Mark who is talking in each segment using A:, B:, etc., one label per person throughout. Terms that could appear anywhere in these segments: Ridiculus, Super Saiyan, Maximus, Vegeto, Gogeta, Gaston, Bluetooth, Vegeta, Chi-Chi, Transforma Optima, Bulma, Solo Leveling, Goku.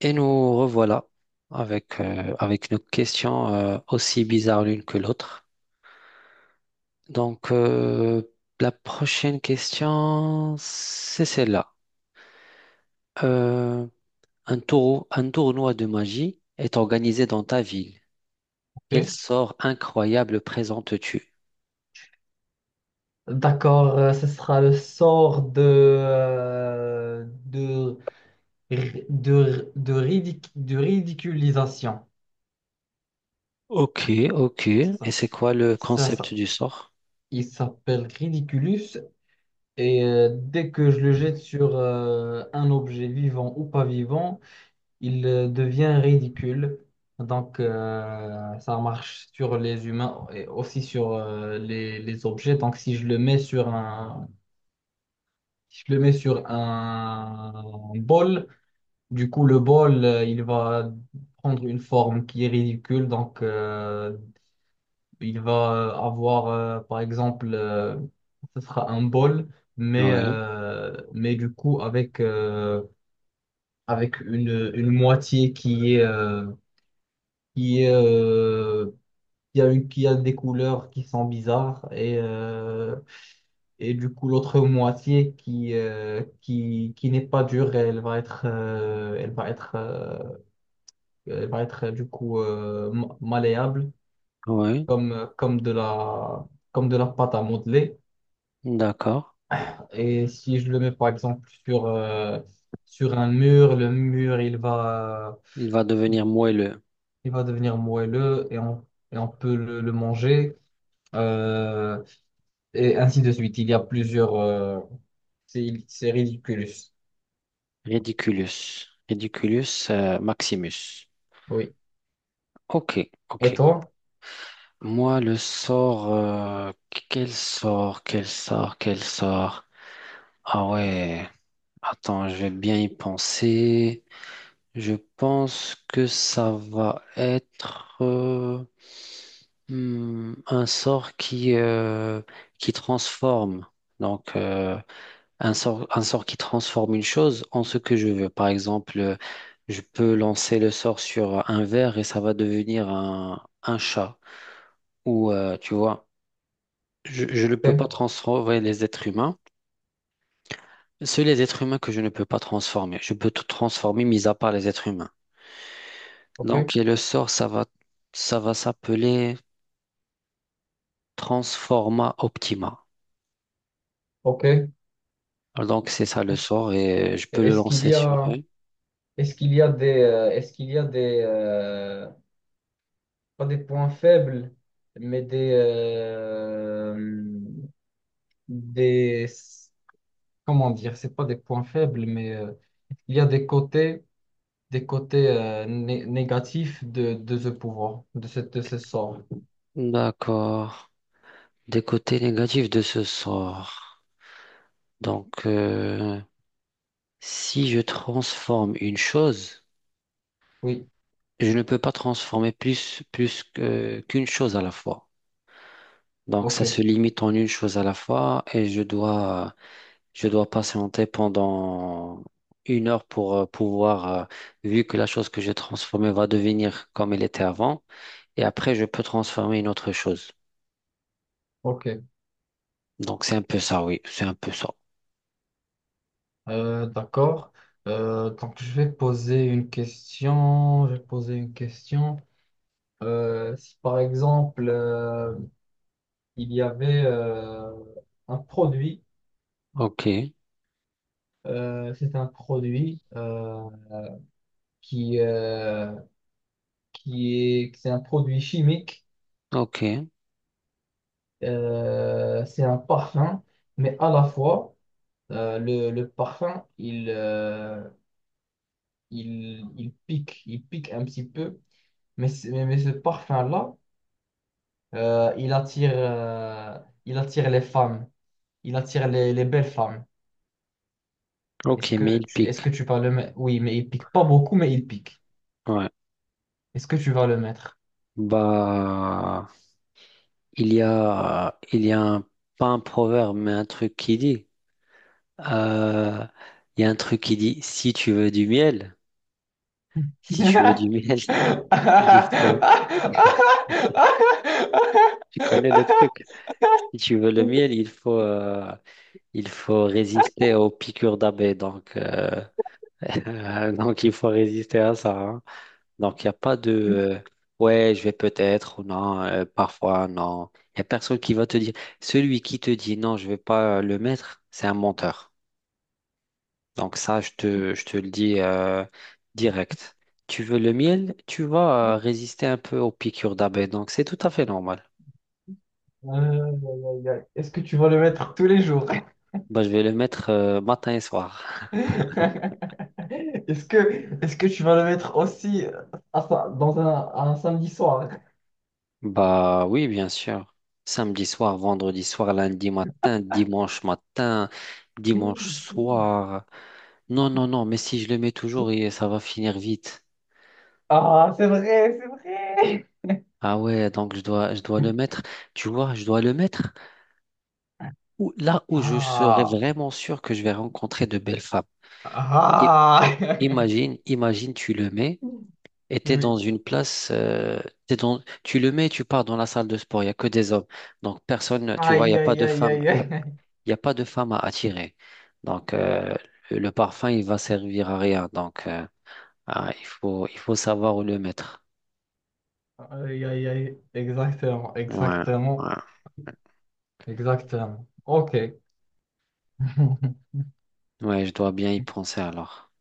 A: Et nous revoilà avec, avec nos questions aussi bizarres l'une que l'autre. Donc, euh, la prochaine question, c'est celle-là. Euh, un tournoi de magie est organisé dans ta ville. Quel
B: Ok.
A: sort incroyable présentes-tu?
B: D'accord, ce sera le sort de, de ridiculisation.
A: Ok, ok.
B: C'est
A: Et
B: ça.
A: c'est quoi le
B: Ça,
A: concept
B: ça.
A: du sort?
B: Il s'appelle Ridiculus et dès que je le jette sur un objet vivant ou pas vivant, il devient ridicule. Donc ça marche sur les humains et aussi sur les objets. Donc si je le mets sur un, si je le mets sur un bol, du coup, le bol, il va prendre une forme qui est ridicule. Donc, il va avoir, par exemple, ce sera un bol, mais,
A: Ouais,
B: mais du coup, avec, avec une moitié qui est, qui est, qui a une, qui a des couleurs qui sont bizarres et du coup, l'autre moitié qui n'est pas dure, elle va être, elle va être, Elle va être du coup malléable
A: ouais,
B: comme, euh, comme de la, comme de la pâte à modeler.
A: d'accord.
B: Et si je le mets par exemple sur, sur un mur, le mur
A: Il va
B: il,
A: devenir moelleux.
B: il va devenir moelleux et et on peut le manger. Euh, et ainsi de suite. Il y a plusieurs. C'est ridiculous.
A: Ridiculus. Ridiculus, Maximus.
B: Oui.
A: Ok,
B: Et
A: ok.
B: toi?
A: Moi, le sort, quel sort, quel sort, quel sort. Ah ouais, attends, je vais bien y penser. Je pense que ça va être hmm, un sort qui qui transforme. Donc, euh, un sort, un sort qui transforme une chose en ce que je veux. Par exemple, je peux lancer le sort sur un verre et ça va devenir un chat. Ou, tu vois. Je ne peux pas
B: Ok,
A: transformer les êtres humains. Seuls les êtres humains que je ne peux pas transformer. Je peux tout transformer, mis à part les êtres humains.
B: ok,
A: Donc, et le sort, ça va s'appeler Transforma Optima.
B: ok.
A: Donc, c'est ça le sort et je peux le
B: Est-ce qu'il
A: lancer
B: y
A: sur
B: a,
A: eux.
B: est-ce qu'il y a des, est-ce qu'il y a des, pas des points faibles, mais des, des, comment dire, c'est pas des points faibles, mais il y a des côtés négatifs de ce pouvoir, de ce sort.
A: D'accord. Des côtés négatifs de ce sort. Donc, euh, Si je transforme une chose,
B: Oui,
A: je ne peux pas transformer plus, qu'une chose à la fois. Donc
B: ok,
A: ça se limite en une chose à la fois et je dois patienter pendant une heure pour pouvoir, vu que la chose que j'ai transformée va devenir comme elle était avant, et après je peux transformer une autre chose.
B: ok.
A: Donc c'est un peu ça, oui, c'est un peu ça.
B: D'accord. Je vais poser une question. Si par exemple il y avait un produit
A: Ok,
B: c'est un produit. Qui, euh, qui est, c'est un produit chimique,
A: ok,
B: c'est un parfum, mais à la fois, le parfum, il pique un petit peu, mais, mais ce parfum-là, euh, il attire, euh, il attire les femmes, il attire les belles femmes.
A: ok, mais il
B: Est-ce
A: pique.
B: que tu vas le mettre? Oui, mais il pique pas beaucoup, mais il pique.
A: Ouais.
B: Est-ce que tu vas le mettre?
A: Bah, il y a un, pas un proverbe, mais un truc qui dit. euh, il y a un truc qui dit, si tu veux du miel, si tu veux
B: Aïe,
A: du miel. Il faut, tu connais le truc. Si tu veux le miel, il faut, il faut résister aux piqûres d'abeilles. Donc, il faut résister à ça. Hein. Donc, il n'y a pas de, ouais, je vais peut-être ou non, parfois non. Il n'y a personne qui va te dire. Celui qui te dit non, je ne vais pas le mettre, c'est un menteur. Donc, ça, je te le dis direct. Tu veux le miel, tu vas résister un peu aux piqûres d'abeilles. Donc, c'est tout à fait normal.
B: aïe, aïe. Est-ce que tu vas le mettre tous les jours?
A: Bah, je vais le mettre matin et soir.
B: Est-ce que, est-ce que tu vas le mettre aussi à sa- dans un, à un samedi soir?
A: Bah oui, bien sûr. Samedi soir, vendredi soir, lundi matin, dimanche soir. Non, non, non, mais si je le mets toujours, et ça va finir vite.
B: Ah, c'est vrai, c'est vrai.
A: Ah ouais, donc je dois le mettre. Tu vois, je dois le mettre là où je serai
B: Ah,
A: vraiment sûr que je vais rencontrer de belles femmes. I-
B: ah.
A: Imagine, imagine, tu le mets. Et t'es dans
B: Oui.
A: une place, t'es dans, tu le mets et tu pars dans la salle de sport, il n'y a que des hommes. Donc personne, tu vois, il n'y
B: Aïe,
A: a pas
B: aïe,
A: de
B: aïe,
A: femme,
B: aïe,
A: il n'y a,
B: aïe.
A: il y a pas de femme à attirer. Donc euh, le parfum, il va servir à rien. Ah, il faut savoir où le mettre.
B: Aïe, aïe, aïe. Exactement,
A: Ouais, ouais.
B: exactement. Exactement. OK.
A: Ouais, je dois bien y penser alors.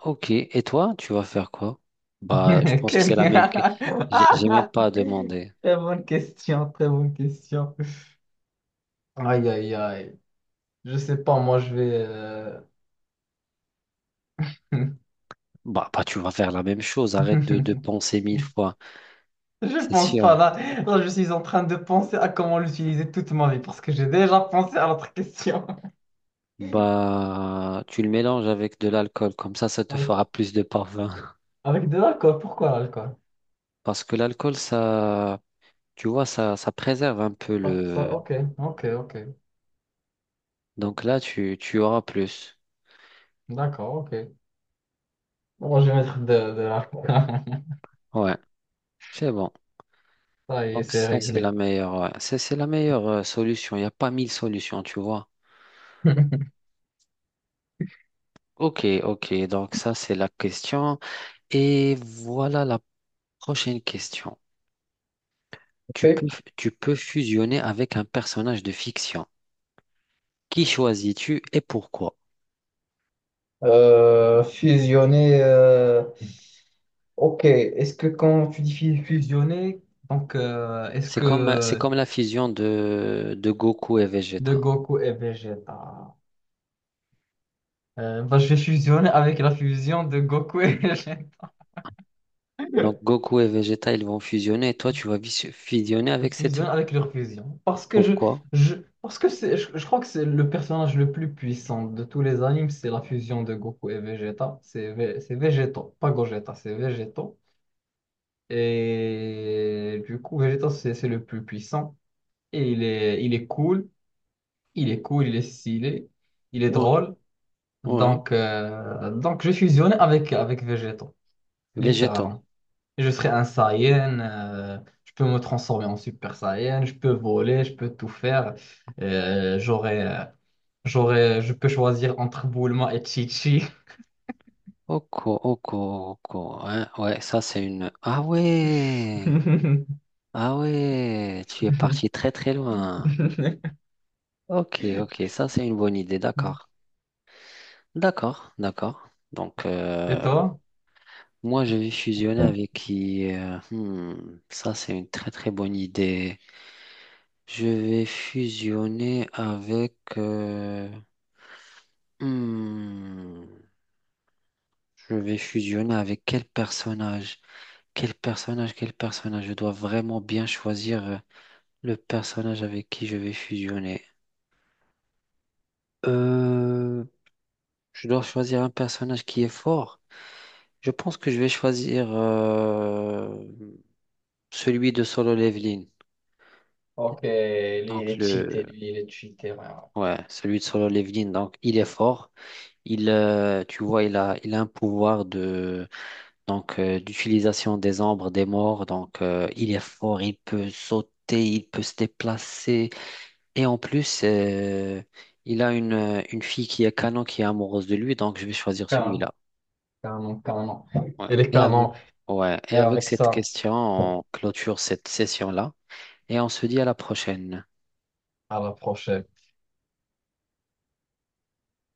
A: Ok, et toi, tu vas faire quoi? Bah, je pense que c'est
B: Quelle...
A: la même. J'ai même
B: Ah.
A: pas demandé.
B: Très bonne question, très bonne question. Aïe, aïe, aïe. Je sais pas, moi, je vais...
A: Bah, bah, tu vas faire la même chose, arrête de penser mille fois,
B: Je
A: c'est
B: pense pas,
A: sûr.
B: là. Là, je suis en train de penser à comment l'utiliser toute ma vie, parce que j'ai déjà pensé à l'autre question.
A: Bah, tu le mélanges avec de l'alcool, comme ça te
B: Avec,
A: fera plus de parfum.
B: avec de l'alcool, pourquoi l'alcool?
A: Parce que l'alcool, ça, tu vois, ça préserve un peu
B: Ça,
A: le.
B: ok, ok, ok.
A: Donc là, tu auras plus.
B: D'accord, ok. Bon, je vais mettre de l'alcool.
A: Ouais, c'est bon.
B: Ça y est,
A: Donc
B: c'est
A: ça, c'est
B: réglé.
A: la meilleure, ouais. C'est la meilleure solution. Il n'y a pas mille solutions, tu vois. Ok, ok. Donc ça, c'est la question. Et voilà la prochaine question. Tu peux, tu peux fusionner avec un personnage de fiction. Qui choisis-tu et pourquoi?
B: Fusionner. Ok, est-ce que quand tu dis fusionner, donc est-ce
A: C'est
B: que
A: comme la fusion de Goku et
B: de
A: Vegeta.
B: Goku et Vegeta, bah, je vais fusionner avec la fusion de Goku et Vegeta.
A: Donc, Goku et Vegeta, ils vont fusionner et toi, tu vas fusionner avec cette.
B: Fusionner avec leur fusion.
A: Pourquoi?
B: Je parce que c'est, je crois que c'est le personnage le plus puissant de tous les animes, c'est la fusion de Goku et Vegeta. C'est Vegeto, pas Gogeta, c'est Vegeto. Et du coup, Vegeta, c'est le plus puissant. Et il est cool, il est cool, il est stylé, il est
A: Ouais,
B: drôle.
A: ouais.
B: Donc je fusionne avec, avec Végéto,
A: Vegeta.
B: littéralement. Je serai un Saiyan, je peux me transformer en Super Saiyan, je peux voler, je peux tout faire. Euh, j'aurai, euh, J'aurai, je peux choisir entre Bulma et Chi-Chi.
A: Oko, oko, oko. Hein. Ouais, ça, c'est une. Ah ouais! Ah ouais! Tu es parti très, très loin. Ok, ok, ça, c'est une bonne idée. D'accord. D'accord, d'accord. Donc,
B: Et
A: euh,
B: toi?
A: Moi, je vais fusionner avec qui? Hmm, ça, c'est une très, très bonne idée. Je vais fusionner avec... hmm, je vais fusionner avec quel personnage? Quel personnage? Quel personnage? Je dois vraiment bien choisir le personnage avec qui je vais fusionner. Euh, je dois choisir un personnage qui est fort. Je pense que je vais choisir celui de Solo Leveling.
B: Ok, lui il
A: Donc
B: est
A: le...
B: cheaté, lui il est cheaté, ouais. Ouais.
A: Ouais, celui de Solo Leveling. Donc il est fort. Il tu vois, il a un pouvoir de d'utilisation des ombres, des morts. Il est fort, il peut sauter, il peut se déplacer. Et en plus, il a une fille qui est canon, qui est amoureuse de lui. Donc, je vais choisir
B: Canon,
A: celui-là.
B: canon, canon.
A: Ouais.
B: Il est
A: Et avec,
B: canon,
A: ouais. Et
B: et
A: avec
B: avec
A: cette
B: ça.
A: question, on clôture cette session-là et on se dit à la prochaine.
B: À la prochaine.